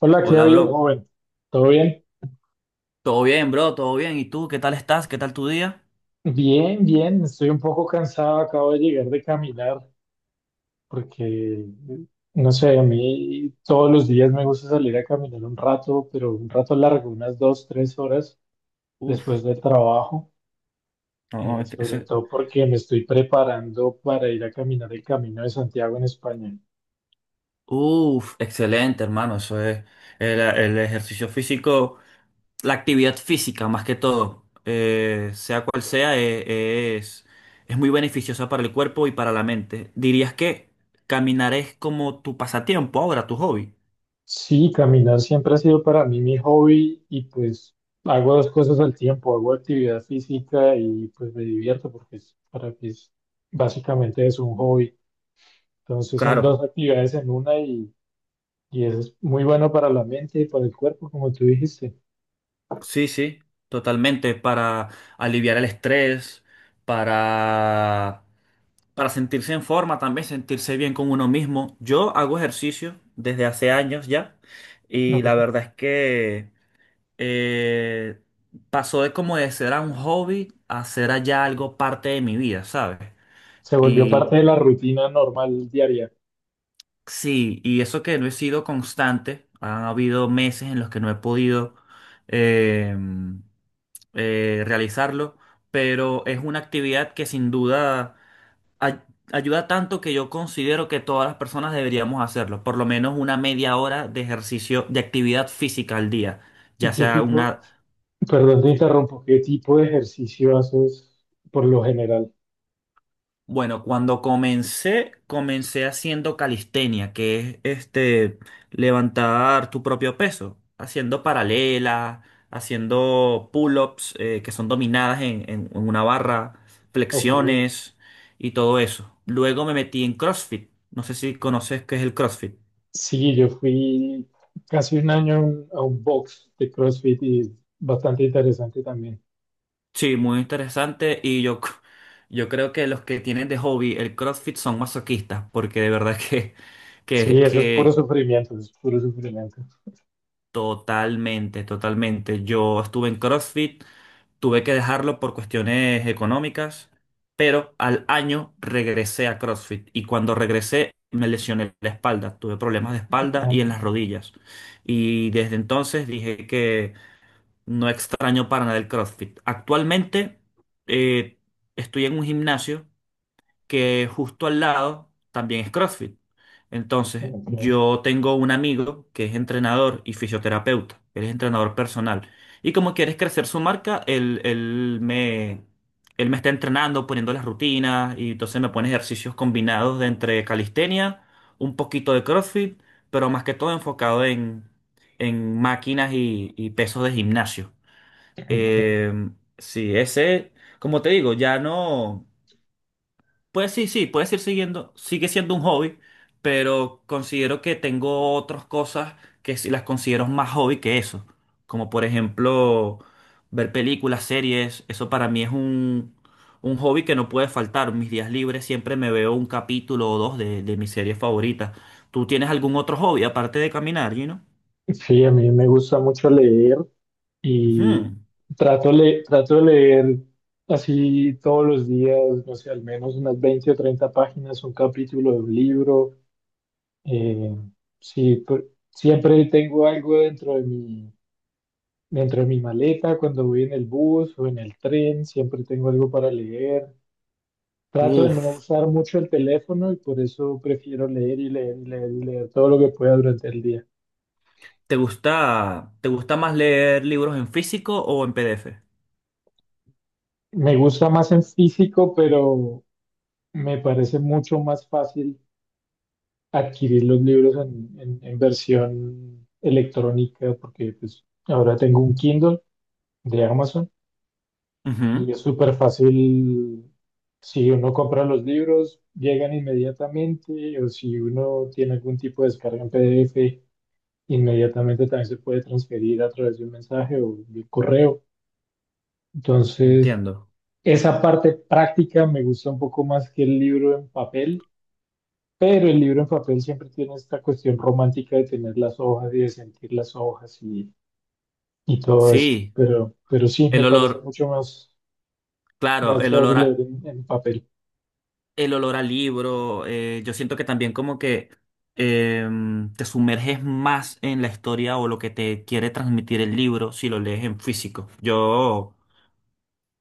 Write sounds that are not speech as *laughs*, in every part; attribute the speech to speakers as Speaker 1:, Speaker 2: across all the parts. Speaker 1: Hola, ¿qué ha
Speaker 2: Hola,
Speaker 1: habido,
Speaker 2: bro.
Speaker 1: joven? ¿Todo bien?
Speaker 2: Todo bien, bro, todo bien. ¿Y tú? ¿Qué tal estás? ¿Qué tal tu día?
Speaker 1: Bien, bien. Estoy un poco cansado. Acabo de llegar de caminar porque, no sé, a mí todos los días me gusta salir a caminar un rato, pero un rato largo, unas 2, 3 horas después
Speaker 2: Uf,
Speaker 1: del trabajo.
Speaker 2: no, no, es que
Speaker 1: Sobre
Speaker 2: ese-
Speaker 1: todo porque me estoy preparando para ir a caminar el Camino de Santiago en España.
Speaker 2: Uf, excelente, hermano. Eso es el ejercicio físico, la actividad física más que todo, sea cual sea, es muy beneficiosa para el cuerpo y para la mente. ¿Dirías que caminar es como tu pasatiempo ahora, tu hobby?
Speaker 1: Sí, caminar siempre ha sido para mí mi hobby y pues hago dos cosas al tiempo, hago actividad física y pues me divierto porque para mí es, básicamente es un hobby. Entonces son
Speaker 2: Claro.
Speaker 1: dos actividades en una y eso es muy bueno para la mente y para el cuerpo, como tú dijiste.
Speaker 2: Sí, sí, totalmente, para aliviar el estrés, para, para sentirse en forma también, sentirse bien con uno mismo. Yo hago ejercicio desde hace años ya y la
Speaker 1: Ok.
Speaker 2: verdad es que eh, pasó de como de ser a un hobby a ser allá algo parte de mi vida, ¿sabes?
Speaker 1: Se volvió
Speaker 2: Y
Speaker 1: parte de la rutina normal diaria.
Speaker 2: sí, y eso que no he sido constante, han habido meses en los que no he podido. em, realizarlo, pero es una actividad que sin duda ay- ayuda tanto que yo considero que todas las personas deberíamos hacerlo, por lo menos una media hora de ejercicio, de actividad física al día,
Speaker 1: ¿Y
Speaker 2: ya
Speaker 1: qué
Speaker 2: sea
Speaker 1: tipo,
Speaker 2: una...
Speaker 1: perdón te interrumpo, qué tipo de ejercicio haces por lo general?
Speaker 2: Bueno, cuando comencé, comencé haciendo calistenia, que es este levantar tu propio peso, haciendo paralelas, haciendo pull-ups que son dominadas en una barra,
Speaker 1: Ok.
Speaker 2: flexiones y todo eso. Luego me metí en CrossFit. No sé si conoces qué es el CrossFit.
Speaker 1: Sí, yo fui casi un año a un box de CrossFit y es bastante interesante también.
Speaker 2: Sí, muy interesante y yo, *laughs* yo creo que los que tienen de hobby el CrossFit son masoquistas, porque de verdad *laughs* que,
Speaker 1: Sí,
Speaker 2: que,
Speaker 1: eso es puro
Speaker 2: que
Speaker 1: sufrimiento, eso es puro sufrimiento.
Speaker 2: totalmente, totalmente. Yo estuve en CrossFit, tuve que dejarlo por cuestiones económicas, pero al año regresé a CrossFit y cuando regresé me lesioné la espalda, tuve problemas de espalda y en las
Speaker 1: Ah,
Speaker 2: rodillas. Y desde entonces dije que no extraño para nada el CrossFit. Actualmente eh, estoy en un gimnasio que justo al lado también es CrossFit. Entonces,
Speaker 1: ok,
Speaker 2: yo tengo un amigo que es entrenador y fisioterapeuta, él es entrenador personal. Y como quieres crecer su marca, él me está entrenando, poniendo las rutinas y entonces me pone ejercicios combinados de entre calistenia, un poquito de CrossFit, pero más que todo enfocado en máquinas y pesos de gimnasio.
Speaker 1: ok.
Speaker 2: Eh, sí, ese, como te digo, ya no. Pues sí, sí, puedes ir siguiendo, sigue siendo un hobby, pero considero que tengo otras cosas que sí las considero más hobby que eso, como por ejemplo ver películas, series, eso para mí es un hobby que no puede faltar. Mis días libres siempre me veo un capítulo o dos de mis series favoritas. ¿Tú tienes algún otro hobby aparte de caminar, Gino?
Speaker 1: Sí, a mí me gusta mucho leer y
Speaker 2: Ujú.
Speaker 1: trato, le trato de leer así todos los días, no sé, al menos unas 20 o 30 páginas, un capítulo de un libro. Eh, sí, siempre tengo algo dentro de mí dentro de mi maleta, cuando voy en el bus o en el tren, siempre tengo algo para leer. Trato de no
Speaker 2: Uf,
Speaker 1: usar mucho el teléfono y por eso prefiero leer y leer y leer y leer todo lo que pueda durante el día.
Speaker 2: te gusta más leer libros en físico o en PDF?
Speaker 1: Me gusta más en físico, pero me parece mucho más fácil adquirir los libros en, en versión electrónica porque pues, ahora tengo un Kindle de Amazon. Y
Speaker 2: Ujú,
Speaker 1: es súper fácil si uno compra los libros, llegan inmediatamente, o si uno tiene algún tipo de descarga en PDF, inmediatamente también se puede transferir a través de un mensaje o de correo. Entonces,
Speaker 2: entiendo.
Speaker 1: esa parte práctica me gusta un poco más que el libro en papel, pero el libro en papel siempre tiene esta cuestión romántica de tener las hojas y de sentir las hojas y todo esto.
Speaker 2: Sí.
Speaker 1: Pero sí,
Speaker 2: El
Speaker 1: me parece
Speaker 2: olor,
Speaker 1: mucho más,
Speaker 2: claro,
Speaker 1: más chévere leer en papel.
Speaker 2: el olor a libro. Yo siento que también como que te sumerges más en la historia o lo que te quiere transmitir el libro si lo lees en físico. Yo,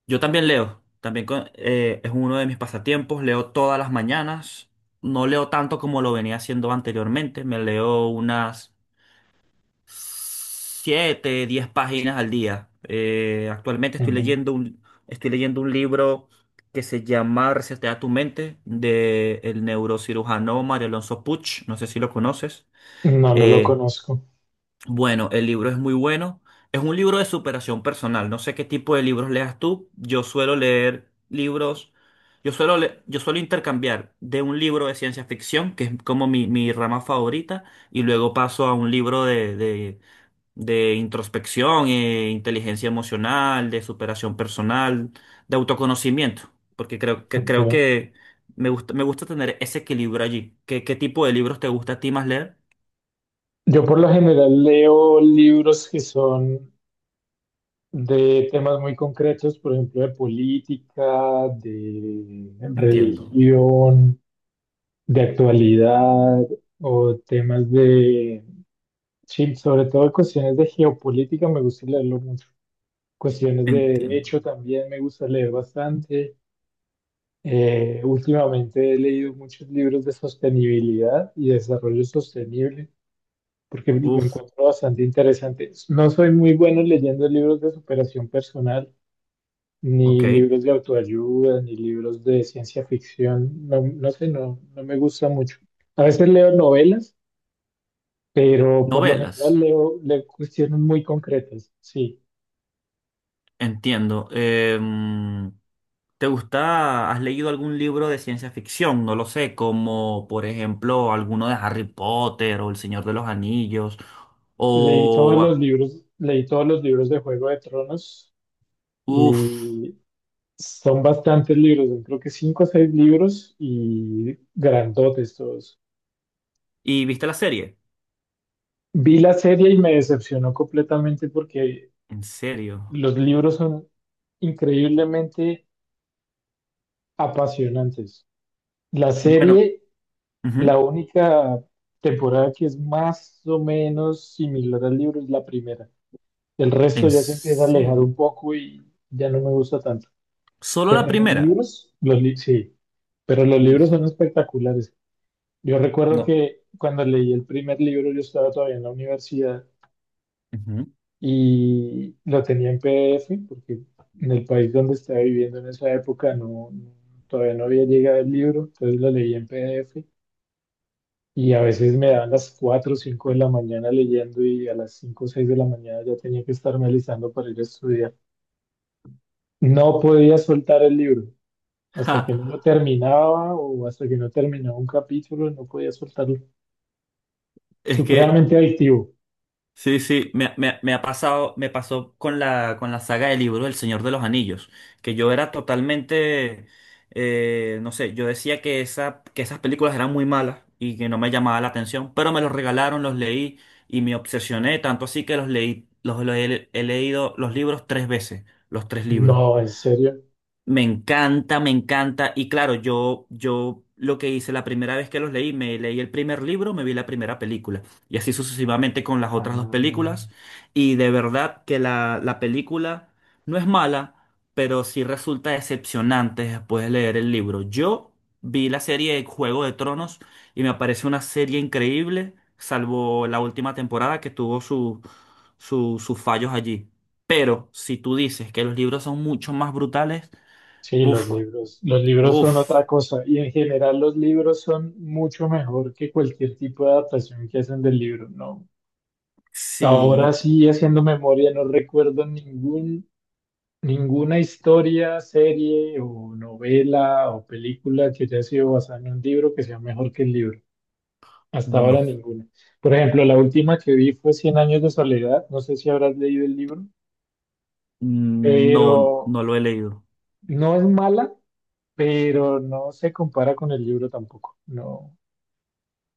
Speaker 2: yo también leo, también es uno de mis pasatiempos, leo todas las mañanas. No leo tanto como lo venía haciendo anteriormente, me leo unas siete, diez páginas al día. Actualmente
Speaker 1: Ujú.
Speaker 2: estoy leyendo un libro que se llama Resetea tu mente, de el neurocirujano Mario Alonso Puch. No sé si lo conoces.
Speaker 1: No, no lo
Speaker 2: Eh,
Speaker 1: conozco.
Speaker 2: bueno, el libro es muy bueno. Es un libro de superación personal. No sé qué tipo de libros leas tú. Yo suelo leer libros. Yo suelo, yo suelo intercambiar de un libro de ciencia ficción, que es como mi rama favorita, y luego paso a un libro de introspección, inteligencia emocional, de superación personal, de autoconocimiento, porque creo
Speaker 1: Okay.
Speaker 2: que me gusta tener ese equilibrio allí. ¿Qué, qué tipo de libros te gusta a ti más leer?
Speaker 1: Yo por lo general leo libros que son de temas muy concretos, por ejemplo, de política, de
Speaker 2: Entiendo,
Speaker 1: religión, de actualidad o temas de, sí, sobre todo cuestiones de geopolítica, me gusta leerlo mucho. Cuestiones de
Speaker 2: entiendo.
Speaker 1: derecho también me gusta leer bastante. Últimamente he leído muchos libros de sostenibilidad y desarrollo sostenible, porque lo
Speaker 2: Uf,
Speaker 1: encuentro bastante interesante. No soy muy bueno leyendo libros de superación personal,
Speaker 2: ok.
Speaker 1: ni libros de autoayuda, ni libros de ciencia ficción. No, no sé, no, no me gusta mucho. A veces leo novelas, pero por lo general
Speaker 2: Novelas,
Speaker 1: leo, leo cuestiones muy concretas. Sí,
Speaker 2: entiendo. ¿Te gusta, has leído algún libro de ciencia ficción? No lo sé, como por ejemplo alguno de Harry Potter o El Señor de los Anillos
Speaker 1: leí todos
Speaker 2: o...
Speaker 1: los libros, leí todos los libros de Juego de Tronos
Speaker 2: Uf.
Speaker 1: y son bastantes libros, yo creo que 5 o 6 libros y grandotes todos.
Speaker 2: ¿Y viste la serie?
Speaker 1: Vi la serie y me decepcionó completamente porque
Speaker 2: ¿En serio?
Speaker 1: los libros son increíblemente apasionantes. La
Speaker 2: Bueno,
Speaker 1: serie, la
Speaker 2: ujú,
Speaker 1: única temporada que es más o menos similar al libro es la primera. El resto
Speaker 2: ¿en
Speaker 1: ya se empieza a alejar
Speaker 2: serio?
Speaker 1: un poco y ya no me gusta tanto.
Speaker 2: ¿Solo
Speaker 1: Pero
Speaker 2: la
Speaker 1: los
Speaker 2: primera?
Speaker 1: libros, sí, pero los libros
Speaker 2: Uf,
Speaker 1: son espectaculares. Yo recuerdo
Speaker 2: no.
Speaker 1: que cuando leí el primer libro yo estaba todavía en la universidad
Speaker 2: Ujú.
Speaker 1: y lo tenía en PDF porque en el país donde estaba viviendo en esa época todavía no había llegado el libro, entonces lo leía en PDF y a veces me daban las 4 o 5 de la mañana leyendo y a las 5 o 6 de la mañana ya tenía que estarme alistando para ir a estudiar. No podía soltar el libro. Hasta que no lo
Speaker 2: Ja,
Speaker 1: terminaba o hasta que no terminaba un capítulo, no podía soltarlo.
Speaker 2: es que,
Speaker 1: Supremamente adictivo.
Speaker 2: sí, sí, me ha pasado, me pasó con la saga de libros El Señor de los Anillos, que yo era totalmente, no sé, yo decía que, esa, que esas películas eran muy malas y que no me llamaba la atención, pero me los regalaron, los leí y me obsesioné, tanto así que los leí, los, los he leído los libros tres veces, los tres libros.
Speaker 1: No, en serio.
Speaker 2: Me encanta, me encanta. Y claro, yo lo que hice la primera vez que los leí, me leí el primer libro, me vi la primera película. Y así sucesivamente con las otras
Speaker 1: Ah.
Speaker 2: dos películas. Y de verdad que la película no es mala, pero sí resulta decepcionante después de leer el libro. Yo vi la serie de Juego de Tronos y me parece una serie increíble, salvo la última temporada que tuvo su, sus fallos allí. Pero si tú dices que los libros son mucho más brutales,
Speaker 1: Sí,
Speaker 2: uf,
Speaker 1: los libros son
Speaker 2: uf.
Speaker 1: otra cosa y en general los libros son mucho mejor que cualquier tipo de adaptación que hacen del libro, ¿no? Ahora
Speaker 2: Sí,
Speaker 1: sí, haciendo memoria, no recuerdo ningún, ninguna historia, serie o novela o película que haya sido basada en un libro que sea mejor que el libro. Hasta
Speaker 2: no,
Speaker 1: ahora ninguna. Por ejemplo, la última que vi fue Cien años de soledad, no sé si habrás leído el libro,
Speaker 2: no,
Speaker 1: pero
Speaker 2: no lo he leído.
Speaker 1: no es mala, pero no se compara con el libro tampoco. No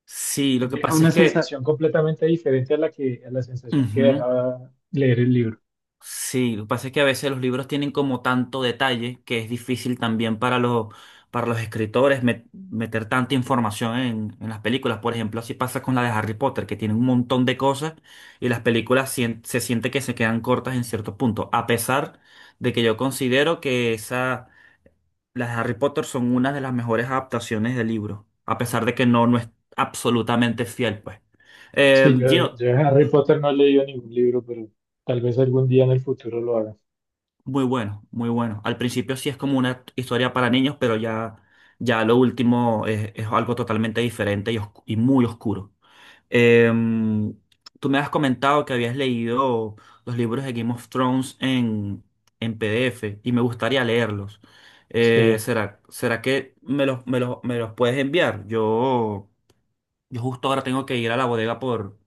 Speaker 2: Sí, lo que
Speaker 1: deja
Speaker 2: pasa
Speaker 1: una
Speaker 2: es que,
Speaker 1: sensación completamente diferente a la que a la sensación que
Speaker 2: ujú,
Speaker 1: dejaba leer el libro.
Speaker 2: sí, lo que pasa es que a veces los libros tienen como tanto detalle que es difícil también para los escritores meter tanta información en las películas. Por ejemplo, así pasa con la de Harry Potter, que tiene un montón de cosas y las películas se siente que se quedan cortas en cierto punto, a pesar de que yo considero que esa las de Harry Potter son una de las mejores adaptaciones del libro, a pesar de que no, no es absolutamente fiel, pues.
Speaker 1: Sí, yo,
Speaker 2: Gino,
Speaker 1: yo de Harry Potter no he leído ningún libro, pero tal vez algún día en el futuro lo haga.
Speaker 2: muy bueno, muy bueno. Al principio sí es como una historia para niños, pero ya, ya lo último es algo totalmente diferente y, y muy oscuro. Eh, tú me has comentado que habías leído los libros de Game of Thrones en PDF y me gustaría leerlos.
Speaker 1: Sí,
Speaker 2: ¿Será, será que me los, me los, me los puedes enviar? Yo... Yo justo ahora tengo que ir a la bodega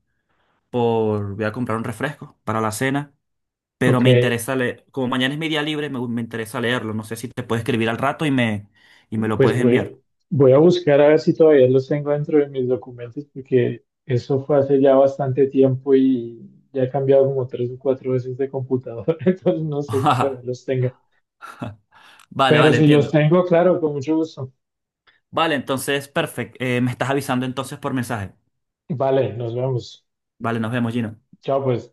Speaker 2: por, voy a comprar un refresco para la cena, pero
Speaker 1: ok.
Speaker 2: me interesa leer, como mañana es mi día libre, me interesa leerlo. No sé si te puedes escribir al rato y me lo
Speaker 1: Pues
Speaker 2: puedes enviar.
Speaker 1: voy, voy a buscar a ver si todavía los tengo dentro de mis documentos, porque eso fue hace ya bastante tiempo y ya he cambiado como 3 o 4 veces de computador, *laughs* entonces no sé si todavía los
Speaker 2: *laughs*
Speaker 1: tenga.
Speaker 2: Vale,
Speaker 1: Pero
Speaker 2: vale,
Speaker 1: si los
Speaker 2: entiendo.
Speaker 1: tengo, claro, con mucho gusto.
Speaker 2: Vale, entonces, perfecto. Me estás avisando entonces por mensaje.
Speaker 1: Vale, nos vemos.
Speaker 2: Vale, nos vemos, Gino.
Speaker 1: Chao, pues.